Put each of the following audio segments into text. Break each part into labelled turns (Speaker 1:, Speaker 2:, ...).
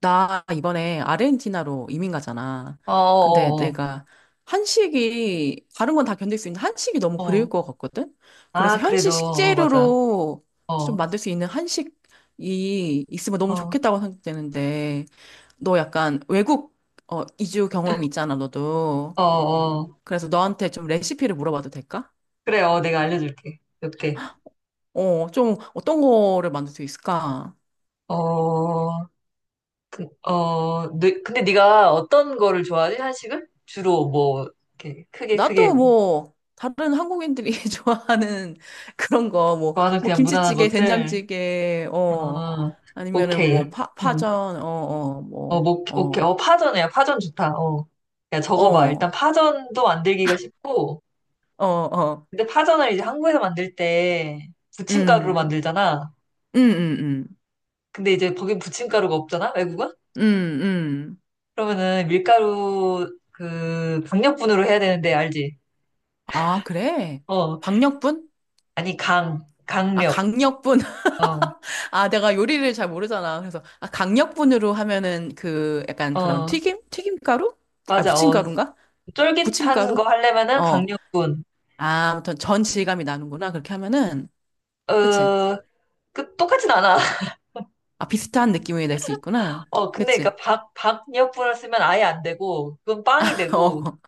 Speaker 1: 나 이번에 아르헨티나로 이민 가잖아.
Speaker 2: 어,
Speaker 1: 근데
Speaker 2: 어,
Speaker 1: 내가 한식이, 다른 건 다 견딜 수 있는데 한식이 너무
Speaker 2: 어,
Speaker 1: 그리울
Speaker 2: 어.
Speaker 1: 것 같거든? 그래서
Speaker 2: 아,
Speaker 1: 현지
Speaker 2: 그래도, 맞아.
Speaker 1: 식재료로 좀
Speaker 2: 어,
Speaker 1: 만들 수 있는 한식이 있으면 너무
Speaker 2: 어,
Speaker 1: 좋겠다고 생각되는데, 너 약간 외국, 이주 경험이 있잖아, 너도.
Speaker 2: 어, 어.
Speaker 1: 그래서 너한테 좀 레시피를 물어봐도 될까?
Speaker 2: 그래, 내가 알려줄게. 이렇게.
Speaker 1: 좀 어떤 거를 만들 수 있을까?
Speaker 2: 어, 네, 근데 네가 어떤 거를 좋아하지? 한식을? 주로 뭐, 이렇게 크게 크게
Speaker 1: 나도 뭐 다른 한국인들이 좋아하는 그런 거 뭐
Speaker 2: 좋아하는
Speaker 1: 뭐
Speaker 2: 그냥 무난한
Speaker 1: 김치찌개,
Speaker 2: 것들?
Speaker 1: 된장찌개 어
Speaker 2: 어,
Speaker 1: 아니면은
Speaker 2: 오케이.
Speaker 1: 뭐 파,
Speaker 2: 응.
Speaker 1: 파전
Speaker 2: 뭐, 오케이. 파전이야. 파전 좋다. 어. 야, 적어봐. 일단 파전도 만들기가 쉽고, 근데 파전을 이제 한국에서 만들 때 부침가루로
Speaker 1: 어어뭐어어어어음음음음음음아
Speaker 2: 만들잖아. 근데 이제 거긴 부침가루가 없잖아, 외국은? 그러면은 밀가루 그 강력분으로 해야 되는데 알지?
Speaker 1: 그래
Speaker 2: 어,
Speaker 1: 박력분?
Speaker 2: 아니
Speaker 1: 아
Speaker 2: 강력.
Speaker 1: 강력분
Speaker 2: 어,
Speaker 1: 아 내가 요리를 잘 모르잖아 그래서 아 강력분으로 하면은 그 약간 그런
Speaker 2: 어,
Speaker 1: 튀김가루? 아
Speaker 2: 맞아. 어,
Speaker 1: 부침가루인가?
Speaker 2: 쫄깃한 거
Speaker 1: 부침가루?
Speaker 2: 하려면은
Speaker 1: 어,
Speaker 2: 강력분.
Speaker 1: 아, 아무튼 전 질감이 나는구나, 그렇게 하면은. 그치?
Speaker 2: 어, 그 똑같진 않아.
Speaker 1: 아, 비슷한 느낌이 낼 수 있구나.
Speaker 2: 어, 근데
Speaker 1: 그치?
Speaker 2: 그러니까 박 박력분을 쓰면 아예 안 되고 그건 빵이 되고.
Speaker 1: 어.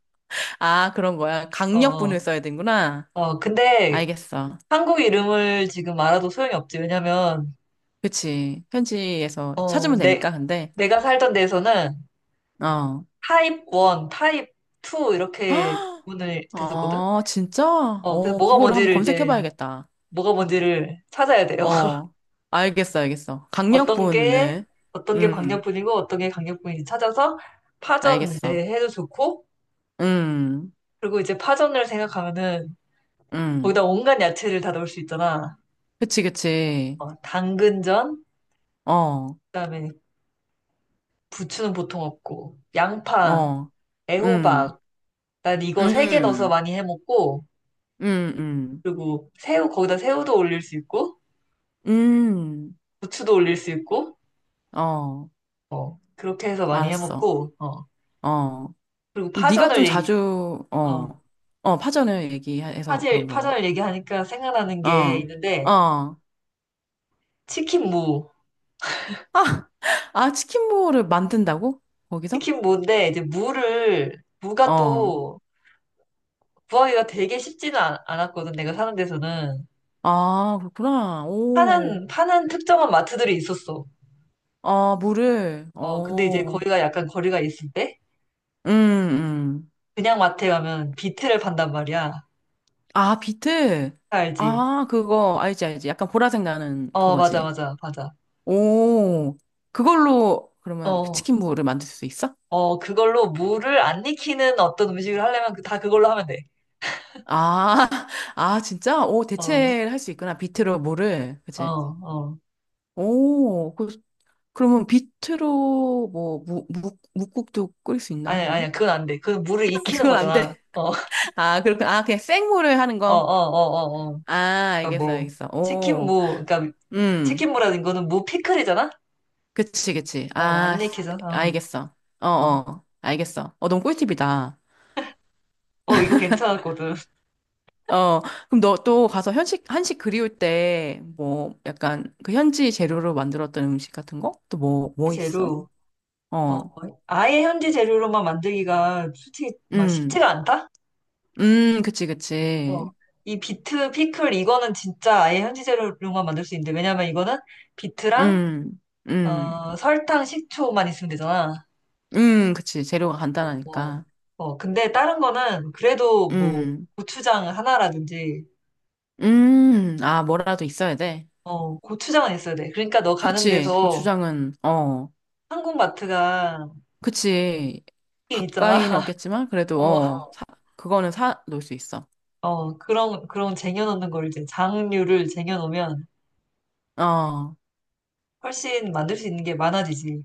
Speaker 1: 아, 그런 거야.
Speaker 2: 어,
Speaker 1: 강력분을
Speaker 2: 어,
Speaker 1: 써야 되는구나.
Speaker 2: 어. 근데
Speaker 1: 알겠어.
Speaker 2: 한국 이름을 지금 알아도 소용이 없지. 왜냐면
Speaker 1: 그치. 현지에서
Speaker 2: 어,
Speaker 1: 찾으면
Speaker 2: 내
Speaker 1: 되니까, 근데.
Speaker 2: 내가 살던 데서는
Speaker 1: 어.
Speaker 2: 타입 1, 타입 2 이렇게 구분을 됐었거든?
Speaker 1: 아, 진짜?
Speaker 2: 어, 그래서
Speaker 1: 어,
Speaker 2: 뭐가
Speaker 1: 그거를 한번
Speaker 2: 뭔지를 이제,
Speaker 1: 검색해봐야겠다.
Speaker 2: 뭐가 뭔지를 찾아야 돼요.
Speaker 1: 어. 알겠어, 알겠어.
Speaker 2: 어떤 게,
Speaker 1: 강력분을.
Speaker 2: 어떤 게
Speaker 1: 음,
Speaker 2: 광역분이고, 어떤 게 강력분인지 찾아서 파전
Speaker 1: 알겠어.
Speaker 2: 이제 해도 좋고,
Speaker 1: 음,
Speaker 2: 그리고 이제 파전을 생각하면은
Speaker 1: 음.
Speaker 2: 거기다 온갖 야채를 다 넣을 수 있잖아.
Speaker 1: 그치, 그치.
Speaker 2: 어, 당근전,
Speaker 1: 어,
Speaker 2: 그다음에 부추는 보통 없고, 양파,
Speaker 1: 어, 음,
Speaker 2: 애호박, 난 이거 3개 넣어서
Speaker 1: 음.
Speaker 2: 많이 해 먹고,
Speaker 1: 음,
Speaker 2: 그리고 새우, 거기다 새우도 올릴 수 있고,
Speaker 1: 음, 음,
Speaker 2: 부추도 올릴 수 있고,
Speaker 1: 어,
Speaker 2: 어, 그렇게 해서 많이
Speaker 1: 알았어.
Speaker 2: 해먹고, 어,
Speaker 1: 어,
Speaker 2: 그리고
Speaker 1: 네가
Speaker 2: 파전을
Speaker 1: 좀
Speaker 2: 얘기,
Speaker 1: 자주, 어,
Speaker 2: 어,
Speaker 1: 어, 파전을 얘기해서
Speaker 2: 파질,
Speaker 1: 그런 거.
Speaker 2: 파전을 얘기하니까 생각나는
Speaker 1: 어,
Speaker 2: 게
Speaker 1: 어.
Speaker 2: 있는데,
Speaker 1: 아,
Speaker 2: 치킨 무.
Speaker 1: 아, 치킨볼을 만든다고? 거기서?
Speaker 2: 치킨 무인데, 이제 무를, 무가
Speaker 1: 어.
Speaker 2: 또 구하기가 되게 쉽지는 않았거든, 내가 사는 데서는.
Speaker 1: 아, 그렇구나. 오.
Speaker 2: 파는 특정한 마트들이 있었어.
Speaker 1: 아, 물을.
Speaker 2: 어, 근데 이제
Speaker 1: 오
Speaker 2: 거기가 약간 거리가 있을 때,
Speaker 1: 음, 음.
Speaker 2: 그냥 마트에 가면 비트를 판단 말이야.
Speaker 1: 아, 비트.
Speaker 2: 다 알지?
Speaker 1: 아, 그거 알지, 알지. 약간 보라색 나는
Speaker 2: 어, 맞아,
Speaker 1: 그거지.
Speaker 2: 맞아, 맞아.
Speaker 1: 오. 그걸로 그러면
Speaker 2: 어,
Speaker 1: 치킨볼을 만들 수 있어?
Speaker 2: 어, 그걸로 무를 안 익히는 어떤 음식을 하려면 다 그걸로 하면 돼.
Speaker 1: 아, 아, 진짜? 오,
Speaker 2: 어,
Speaker 1: 대체를 할 수 있구나. 비트로 뭐를.
Speaker 2: 어,
Speaker 1: 그치?
Speaker 2: 어.
Speaker 1: 오, 그, 그러면 비트로 뭐, 묵국도 끓일 수 있나,
Speaker 2: 아니야,
Speaker 1: 그러면?
Speaker 2: 아니야. 그건 안 돼. 그건 물을 익히는
Speaker 1: 그건 안
Speaker 2: 거잖아.
Speaker 1: 돼.
Speaker 2: 어,
Speaker 1: 아, 그렇구나. 아, 그냥 생물을 하는
Speaker 2: 어, 어,
Speaker 1: 거.
Speaker 2: 어, 어, 어.
Speaker 1: 아,
Speaker 2: 그러니까
Speaker 1: 알겠어,
Speaker 2: 뭐,
Speaker 1: 알겠어.
Speaker 2: 치킨
Speaker 1: 오,
Speaker 2: 무, 그러니까
Speaker 1: 음.
Speaker 2: 치킨무라는 거는 무 피클이잖아?
Speaker 1: 그치, 그치.
Speaker 2: 어,
Speaker 1: 아,
Speaker 2: 안 익히잖아. 어,
Speaker 1: 알겠어. 어,
Speaker 2: 어.
Speaker 1: 어. 알겠어. 어, 너무 꿀팁이다.
Speaker 2: 어, 이거 괜찮았거든.
Speaker 1: 어, 그럼 너 또 가서 현식, 한식 그리울 때, 뭐, 약간 그 현지 재료로 만들었던 음식 같은 거? 또 뭐, 뭐 있어?
Speaker 2: 재료.
Speaker 1: 어,
Speaker 2: 어, 아예 현지 재료로만 만들기가 솔직히 막
Speaker 1: 음,
Speaker 2: 쉽지가 않다?
Speaker 1: 그치,
Speaker 2: 어.
Speaker 1: 그치.
Speaker 2: 이 비트 피클 이거는 진짜 아예 현지 재료로만 만들 수 있는데 왜냐면 이거는 비트랑
Speaker 1: 음, 음,
Speaker 2: 설탕, 식초만 있으면 되잖아.
Speaker 1: 그치. 재료가
Speaker 2: 어,
Speaker 1: 간단하니까.
Speaker 2: 어, 근데 다른 거는 그래도 뭐
Speaker 1: 음,
Speaker 2: 고추장 하나라든지,
Speaker 1: 아, 뭐라도 있어야 돼.
Speaker 2: 어, 고추장은 있어야 돼. 그러니까 너 가는
Speaker 1: 그치.
Speaker 2: 데서
Speaker 1: 고추장은, 어,
Speaker 2: 한국마트가
Speaker 1: 그치.
Speaker 2: 있긴 있잖아.
Speaker 1: 가까이는 없겠지만, 그래도, 어,
Speaker 2: 어,
Speaker 1: 사, 그거는 사 놓을 수 있어.
Speaker 2: 어, 그런 쟁여놓는 걸 이제 장류를 쟁여놓으면
Speaker 1: 어,
Speaker 2: 훨씬 만들 수 있는 게 많아지지.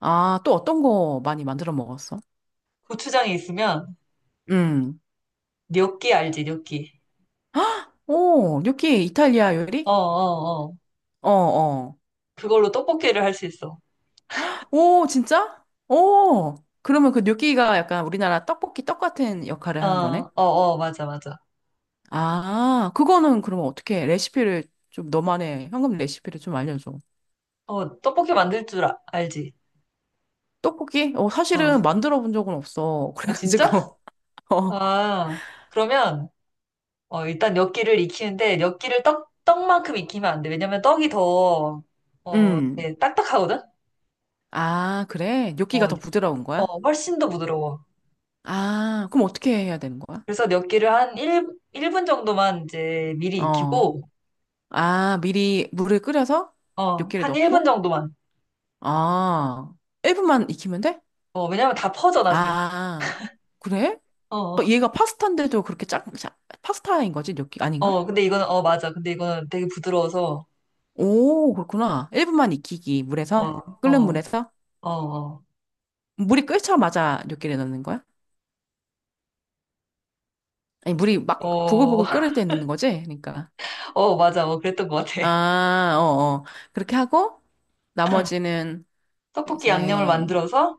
Speaker 1: 아, 또 어떤 거 많이 만들어 먹었어?
Speaker 2: 고추장이 있으면
Speaker 1: 음,
Speaker 2: 뇨끼 알지, 뇨 끼.
Speaker 1: 오, 뇨끼 이탈리아
Speaker 2: 어,
Speaker 1: 요리?
Speaker 2: 어, 어.
Speaker 1: 어, 어.
Speaker 2: 그걸로 떡볶이를 할 수 있어.
Speaker 1: 오, 진짜? 오, 그러면 그 gnocchi가 약간 우리나라 떡볶이 떡 같은 역할을
Speaker 2: 어,
Speaker 1: 하는 거네?
Speaker 2: 어, 어, 맞아, 맞아.
Speaker 1: 아, 그거는 그러면 어떻게 레시피를 좀 너만의 현금 레시피를 좀 알려줘.
Speaker 2: 어, 떡볶이 만들 줄 알지?
Speaker 1: 떡볶이? 어,
Speaker 2: 어.
Speaker 1: 사실은 만들어 본 적은 없어.
Speaker 2: 아, 진짜?
Speaker 1: 그래가지고, 어,
Speaker 2: 아, 그러면 일단 엿기를 익히는데 엿기를 떡만큼 익히면 안 돼. 왜냐면 떡이 더,
Speaker 1: 음.
Speaker 2: 이렇게 딱딱하거든?
Speaker 1: 아, 그래? gnocchi가
Speaker 2: 어,
Speaker 1: 더 부드러운 거야?
Speaker 2: 어, 훨씬 더 부드러워.
Speaker 1: 아, 그럼 어떻게 해야 되는 거야?
Speaker 2: 그래서 엿기를 한 1, 일분 정도만 이제 미리
Speaker 1: 어,
Speaker 2: 익히고,
Speaker 1: 아, 미리 물을 끓여서
Speaker 2: 어,
Speaker 1: gnocchi를
Speaker 2: 한 1분
Speaker 1: 넣고?
Speaker 2: 정도만.
Speaker 1: 아, 1분만 익히면 돼?
Speaker 2: 어, 왜냐면 다 퍼져, 나중에.
Speaker 1: 아, 그래?
Speaker 2: 어,
Speaker 1: 어, 얘가 파스타인데도 그렇게 짜, 짜- 파스타인 거지? 느낌 아닌가?
Speaker 2: 어, 근데 이거는, 맞아. 근데 이거는 되게 부드러워서,
Speaker 1: 오, 그렇구나. 1분만 익히기,
Speaker 2: 어,
Speaker 1: 물에서? 끓는
Speaker 2: 어,
Speaker 1: 물에서?
Speaker 2: 어, 어,
Speaker 1: 물이 끓자마자 뇨끼를 넣는 거야? 아니, 물이 막
Speaker 2: 어,
Speaker 1: 보글보글 끓을 때 넣는 거지? 그러니까.
Speaker 2: 어, 맞아. 어, 그랬던 것 같아.
Speaker 1: 아, 어, 어. 그렇게 하고, 나머지는
Speaker 2: 떡볶이 양념을
Speaker 1: 이제,
Speaker 2: 만들어서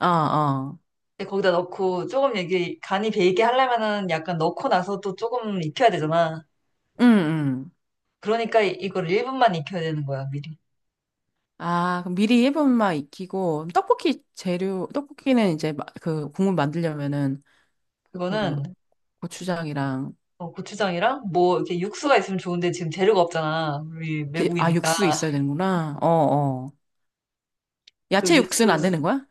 Speaker 1: 어, 어.
Speaker 2: 근데 거기다 넣고 조금 이게 간이 배이게 하려면은 약간 넣고 나서 또 조금 익혀야 되잖아.
Speaker 1: 응, 응.
Speaker 2: 그러니까 이걸 1분만 익혀야 되는 거야, 미리.
Speaker 1: 아, 그럼 미리 1분만 익히고, 떡볶이 재료, 떡볶이는 이제 마- 그 국물 만들려면은 그
Speaker 2: 그거는
Speaker 1: 고추장이랑,
Speaker 2: 어, 고추장이랑 뭐 이렇게 육수가 있으면 좋은데 지금 재료가 없잖아. 우리
Speaker 1: 제- 아,
Speaker 2: 외국이니까.
Speaker 1: 육수 있어야 되는구나. 어, 어.
Speaker 2: 그
Speaker 1: 야채
Speaker 2: 육수,
Speaker 1: 육수는 안 되는 거야?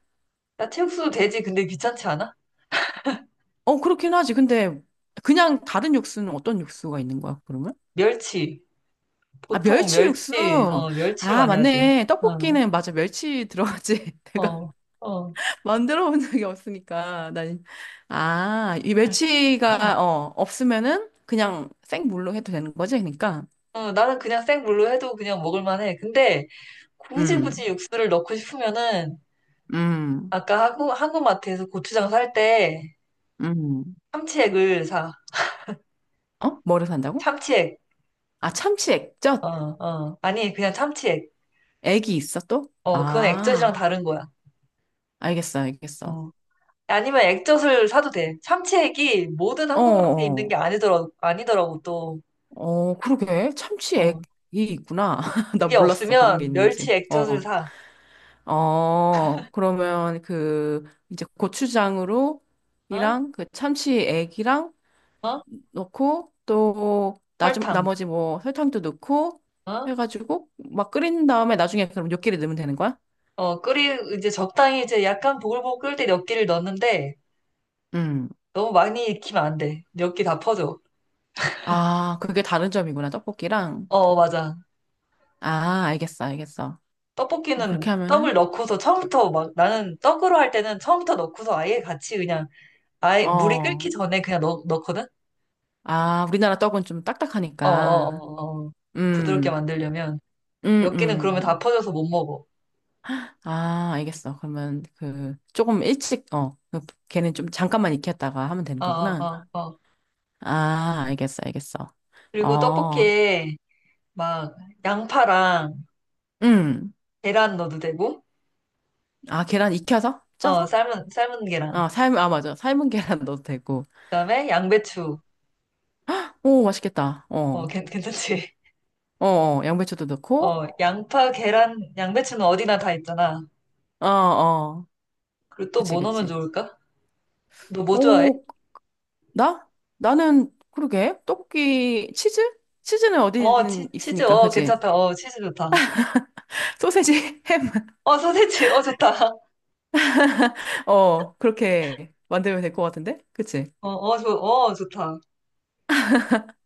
Speaker 2: 야채육수도 되지. 근데 귀찮지 않아?
Speaker 1: 어, 그렇긴 하지. 근데 그냥 다른 육수는 어떤 육수가 있는 거야, 그러면?
Speaker 2: 멸치.
Speaker 1: 아,
Speaker 2: 보통
Speaker 1: 멸치 육수.
Speaker 2: 멸치를
Speaker 1: 아,
Speaker 2: 많이 하지.
Speaker 1: 맞네.
Speaker 2: 어,
Speaker 1: 떡볶이는 맞아. 멸치 들어가지. 내가
Speaker 2: 어, 어.
Speaker 1: 만들어 본 적이 없으니까. 난 아, 이
Speaker 2: 응,
Speaker 1: 멸치가 어, 없으면은 그냥 생물로 해도 되는 거지, 그러니까.
Speaker 2: 나는 그냥 생물로 해도 그냥 먹을만 해. 근데 굳이 굳이
Speaker 1: 음.
Speaker 2: 육수를 넣고 싶으면은
Speaker 1: 음.
Speaker 2: 아까 한국마트에서 고추장 살 때
Speaker 1: 음.
Speaker 2: 참치액을 사.
Speaker 1: 어? 뭐를 산다고?
Speaker 2: 참치액.
Speaker 1: 아, 참치
Speaker 2: 어,
Speaker 1: 액젓.
Speaker 2: 어. 아니, 그냥 참치액.
Speaker 1: 액이 있어 또?
Speaker 2: 그건 액젓이랑
Speaker 1: 아,
Speaker 2: 다른 거야.
Speaker 1: 알겠어. 알겠어.
Speaker 2: 어. 아니면 액젓을 사도 돼. 참치액이 모든
Speaker 1: 어, 어.
Speaker 2: 한국마트에 있는 게
Speaker 1: 어.
Speaker 2: 아니더라, 아니더라고, 또.
Speaker 1: 어, 그러게.
Speaker 2: 어.
Speaker 1: 참치액이 있구나. 나
Speaker 2: 그게
Speaker 1: 몰랐어. 그런 게
Speaker 2: 없으면
Speaker 1: 있는지.
Speaker 2: 멸치 액젓을
Speaker 1: 어,
Speaker 2: 사.
Speaker 1: 어, 그러면 그, 이제 고추장으로,
Speaker 2: 어?
Speaker 1: 이랑 그 참치액이랑
Speaker 2: 어?
Speaker 1: 넣고, 또, 나 좀,
Speaker 2: 설탕.
Speaker 1: 나머지 뭐 설탕도 넣고,
Speaker 2: 어?
Speaker 1: 해가지고, 막 끓인 다음에 나중에 그럼 요끼를 넣으면 되는 거야?
Speaker 2: 어, 이제 적당히 이제 약간 보글보글 끓을 때 몇 개를 넣는데
Speaker 1: 음.
Speaker 2: 너무 많이 익히면 안 돼. 몇기다 퍼져.
Speaker 1: 아, 그게 다른 점이구나. 떡볶이랑.
Speaker 2: 어, 맞아.
Speaker 1: 아, 알겠어. 알겠어.
Speaker 2: 떡볶이는
Speaker 1: 그렇게
Speaker 2: 떡을
Speaker 1: 하면은,
Speaker 2: 넣고서 처음부터 막 나는 떡으로 할 때는 처음부터 넣고서 아예 같이 그냥 아예 물이 끓기
Speaker 1: 어,
Speaker 2: 전에 그냥 넣거든?
Speaker 1: 아, 우리나라 떡은 좀
Speaker 2: 어어어 어,
Speaker 1: 딱딱하니까.
Speaker 2: 어, 어, 어. 부드럽게
Speaker 1: 음.
Speaker 2: 만들려면
Speaker 1: 음,
Speaker 2: 엽기는 그러면 다
Speaker 1: 음.
Speaker 2: 퍼져서 못 먹어.
Speaker 1: 아, 알겠어. 그러면 그 조금 일찍 어, 그 걔는 좀 잠깐만 익혔다가 하면 되는
Speaker 2: 어어어
Speaker 1: 거구나.
Speaker 2: 어, 어, 어.
Speaker 1: 아, 알겠어, 알겠어.
Speaker 2: 그리고
Speaker 1: 어,
Speaker 2: 떡볶이에 막 양파랑
Speaker 1: 음.
Speaker 2: 계란 넣어도 되고
Speaker 1: 아, 계란 익혀서?
Speaker 2: 어
Speaker 1: 쪄서?
Speaker 2: 삶은 계란
Speaker 1: 아, 삶, 아, 맞아. 삶은 계란 넣어도 되고.
Speaker 2: 그다음에 양배추
Speaker 1: 오, 맛있겠다. 어,
Speaker 2: 어 괜찮지?
Speaker 1: 어, 어, 양배추도 넣고.
Speaker 2: 어 양파 계란 양배추는 어디나 다 있잖아.
Speaker 1: 어, 어.
Speaker 2: 그리고 또
Speaker 1: 그치,
Speaker 2: 뭐 넣으면
Speaker 1: 그치.
Speaker 2: 좋을까? 너 뭐 좋아해?
Speaker 1: 오, 나? 나는, 그러게. 떡볶이, 치즈? 치즈는
Speaker 2: 어,
Speaker 1: 어디든
Speaker 2: 치즈,
Speaker 1: 있으니까,
Speaker 2: 어,
Speaker 1: 그치?
Speaker 2: 괜찮다. 어, 치즈 좋다.
Speaker 1: 소세지, 햄
Speaker 2: 어, 소세지, 좋다.
Speaker 1: 어, 그렇게 만들면 될 것 같은데? 그치?
Speaker 2: 어, 어, 좋다.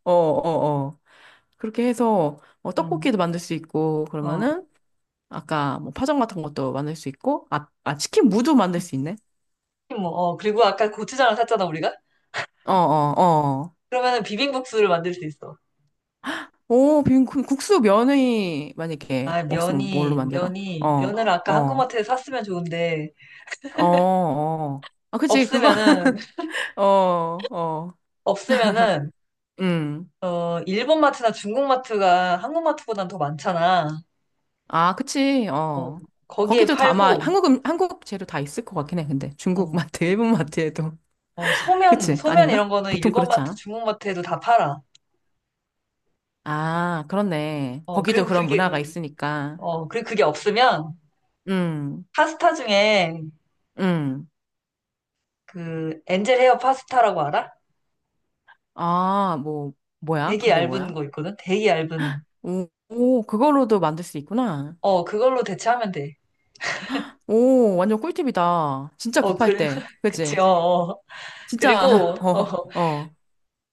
Speaker 1: 어, 어, 어. 그렇게 해서, 어,
Speaker 2: 음,
Speaker 1: 떡볶이도 만들 수 있고,
Speaker 2: 어,
Speaker 1: 그러면은, 아까 뭐 파전 같은 것도 만들 수 있고, 아, 아, 치킨 무도 만들 수 있네?
Speaker 2: 뭐, 그리고 아까 고추장을 샀잖아, 우리가?
Speaker 1: 어, 어, 어.
Speaker 2: 그러면은 비빔국수를 만들 수 있어.
Speaker 1: 오, 빈 국수 면이 만약에
Speaker 2: 아,
Speaker 1: 없으면 뭘로 만들어? 어,
Speaker 2: 면을 아까
Speaker 1: 어,
Speaker 2: 한국마트에 샀으면 좋은데,
Speaker 1: 어, 어. 아, 그치, 그거,
Speaker 2: 없으면은,
Speaker 1: 어, 어.
Speaker 2: 없으면은,
Speaker 1: 음.
Speaker 2: 어, 일본 마트나 중국 마트가 한국 마트보단 더 많잖아.
Speaker 1: 아, 그치,
Speaker 2: 어,
Speaker 1: 어.
Speaker 2: 거기에
Speaker 1: 거기도 다 아마
Speaker 2: 팔고,
Speaker 1: 한국, 한국 재료 다 있을 것 같긴 해, 근데. 중국
Speaker 2: 어,
Speaker 1: 마트, 일본 마트에도.
Speaker 2: 어,
Speaker 1: 그치?
Speaker 2: 소면
Speaker 1: 아닌가?
Speaker 2: 이런 거는
Speaker 1: 보통
Speaker 2: 일본
Speaker 1: 그렇지
Speaker 2: 마트,
Speaker 1: 않아?
Speaker 2: 중국 마트에도 다 팔아.
Speaker 1: 아, 그렇네.
Speaker 2: 어,
Speaker 1: 거기도
Speaker 2: 그리고
Speaker 1: 그런
Speaker 2: 그게, 응.
Speaker 1: 문화가 있으니까.
Speaker 2: 어, 그리고 그게 없으면
Speaker 1: 음,
Speaker 2: 파스타 중에
Speaker 1: 음.
Speaker 2: 그 엔젤 헤어 파스타라고 알아?
Speaker 1: 아, 뭐, 뭐야?
Speaker 2: 되게
Speaker 1: 그게
Speaker 2: 얇은
Speaker 1: 뭐야?
Speaker 2: 거 있거든? 되게 얇은.
Speaker 1: 오, 오, 그걸로도 만들 수 있구나.
Speaker 2: 어, 그걸로 대체하면 돼.
Speaker 1: 오, 완전 꿀팁이다. 진짜
Speaker 2: 어, 그,
Speaker 1: 급할 때.
Speaker 2: 그치,
Speaker 1: 그치?
Speaker 2: 어. 어.
Speaker 1: 진짜,
Speaker 2: 그리고, 어,
Speaker 1: 어, 어.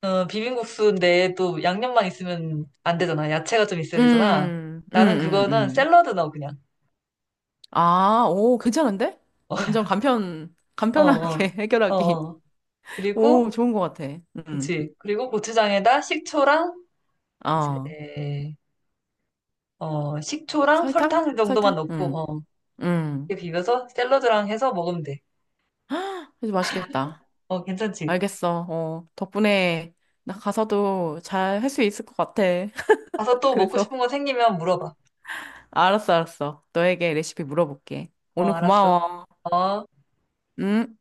Speaker 2: 어, 비빔국수인데 또 양념만 있으면 안 되잖아. 야채가 좀 있어야 되잖아.
Speaker 1: 음, 음,
Speaker 2: 나는
Speaker 1: 음,
Speaker 2: 그거는
Speaker 1: 음.
Speaker 2: 샐러드 넣어, 그냥.
Speaker 1: 아, 오, 괜찮은데? 완전 간편,
Speaker 2: 어,
Speaker 1: 간편하게
Speaker 2: 어, 어,
Speaker 1: 해결하기.
Speaker 2: 어.
Speaker 1: 오,
Speaker 2: 그리고,
Speaker 1: 좋은 것 같아. 음,
Speaker 2: 그치. 그리고 고추장에다 식초랑, 이제,
Speaker 1: 어.
Speaker 2: 어, 식초랑
Speaker 1: 설탕?
Speaker 2: 설탕 정도만
Speaker 1: 설탕?
Speaker 2: 넣고, 어.
Speaker 1: 음.
Speaker 2: 이렇게 비벼서 샐러드랑 해서 먹으면 돼.
Speaker 1: 아주 맛있겠다.
Speaker 2: 어, 괜찮지?
Speaker 1: 알겠어. 어, 덕분에 나 가서도 잘 할 수 있을 것 같아.
Speaker 2: 가서 또 먹고
Speaker 1: 그래서
Speaker 2: 싶은 거 생기면 물어봐.
Speaker 1: 알았어, 알았어. 너에게 레시피 물어볼게.
Speaker 2: 어,
Speaker 1: 오늘
Speaker 2: 알았어.
Speaker 1: 고마워.
Speaker 2: 어.
Speaker 1: 응?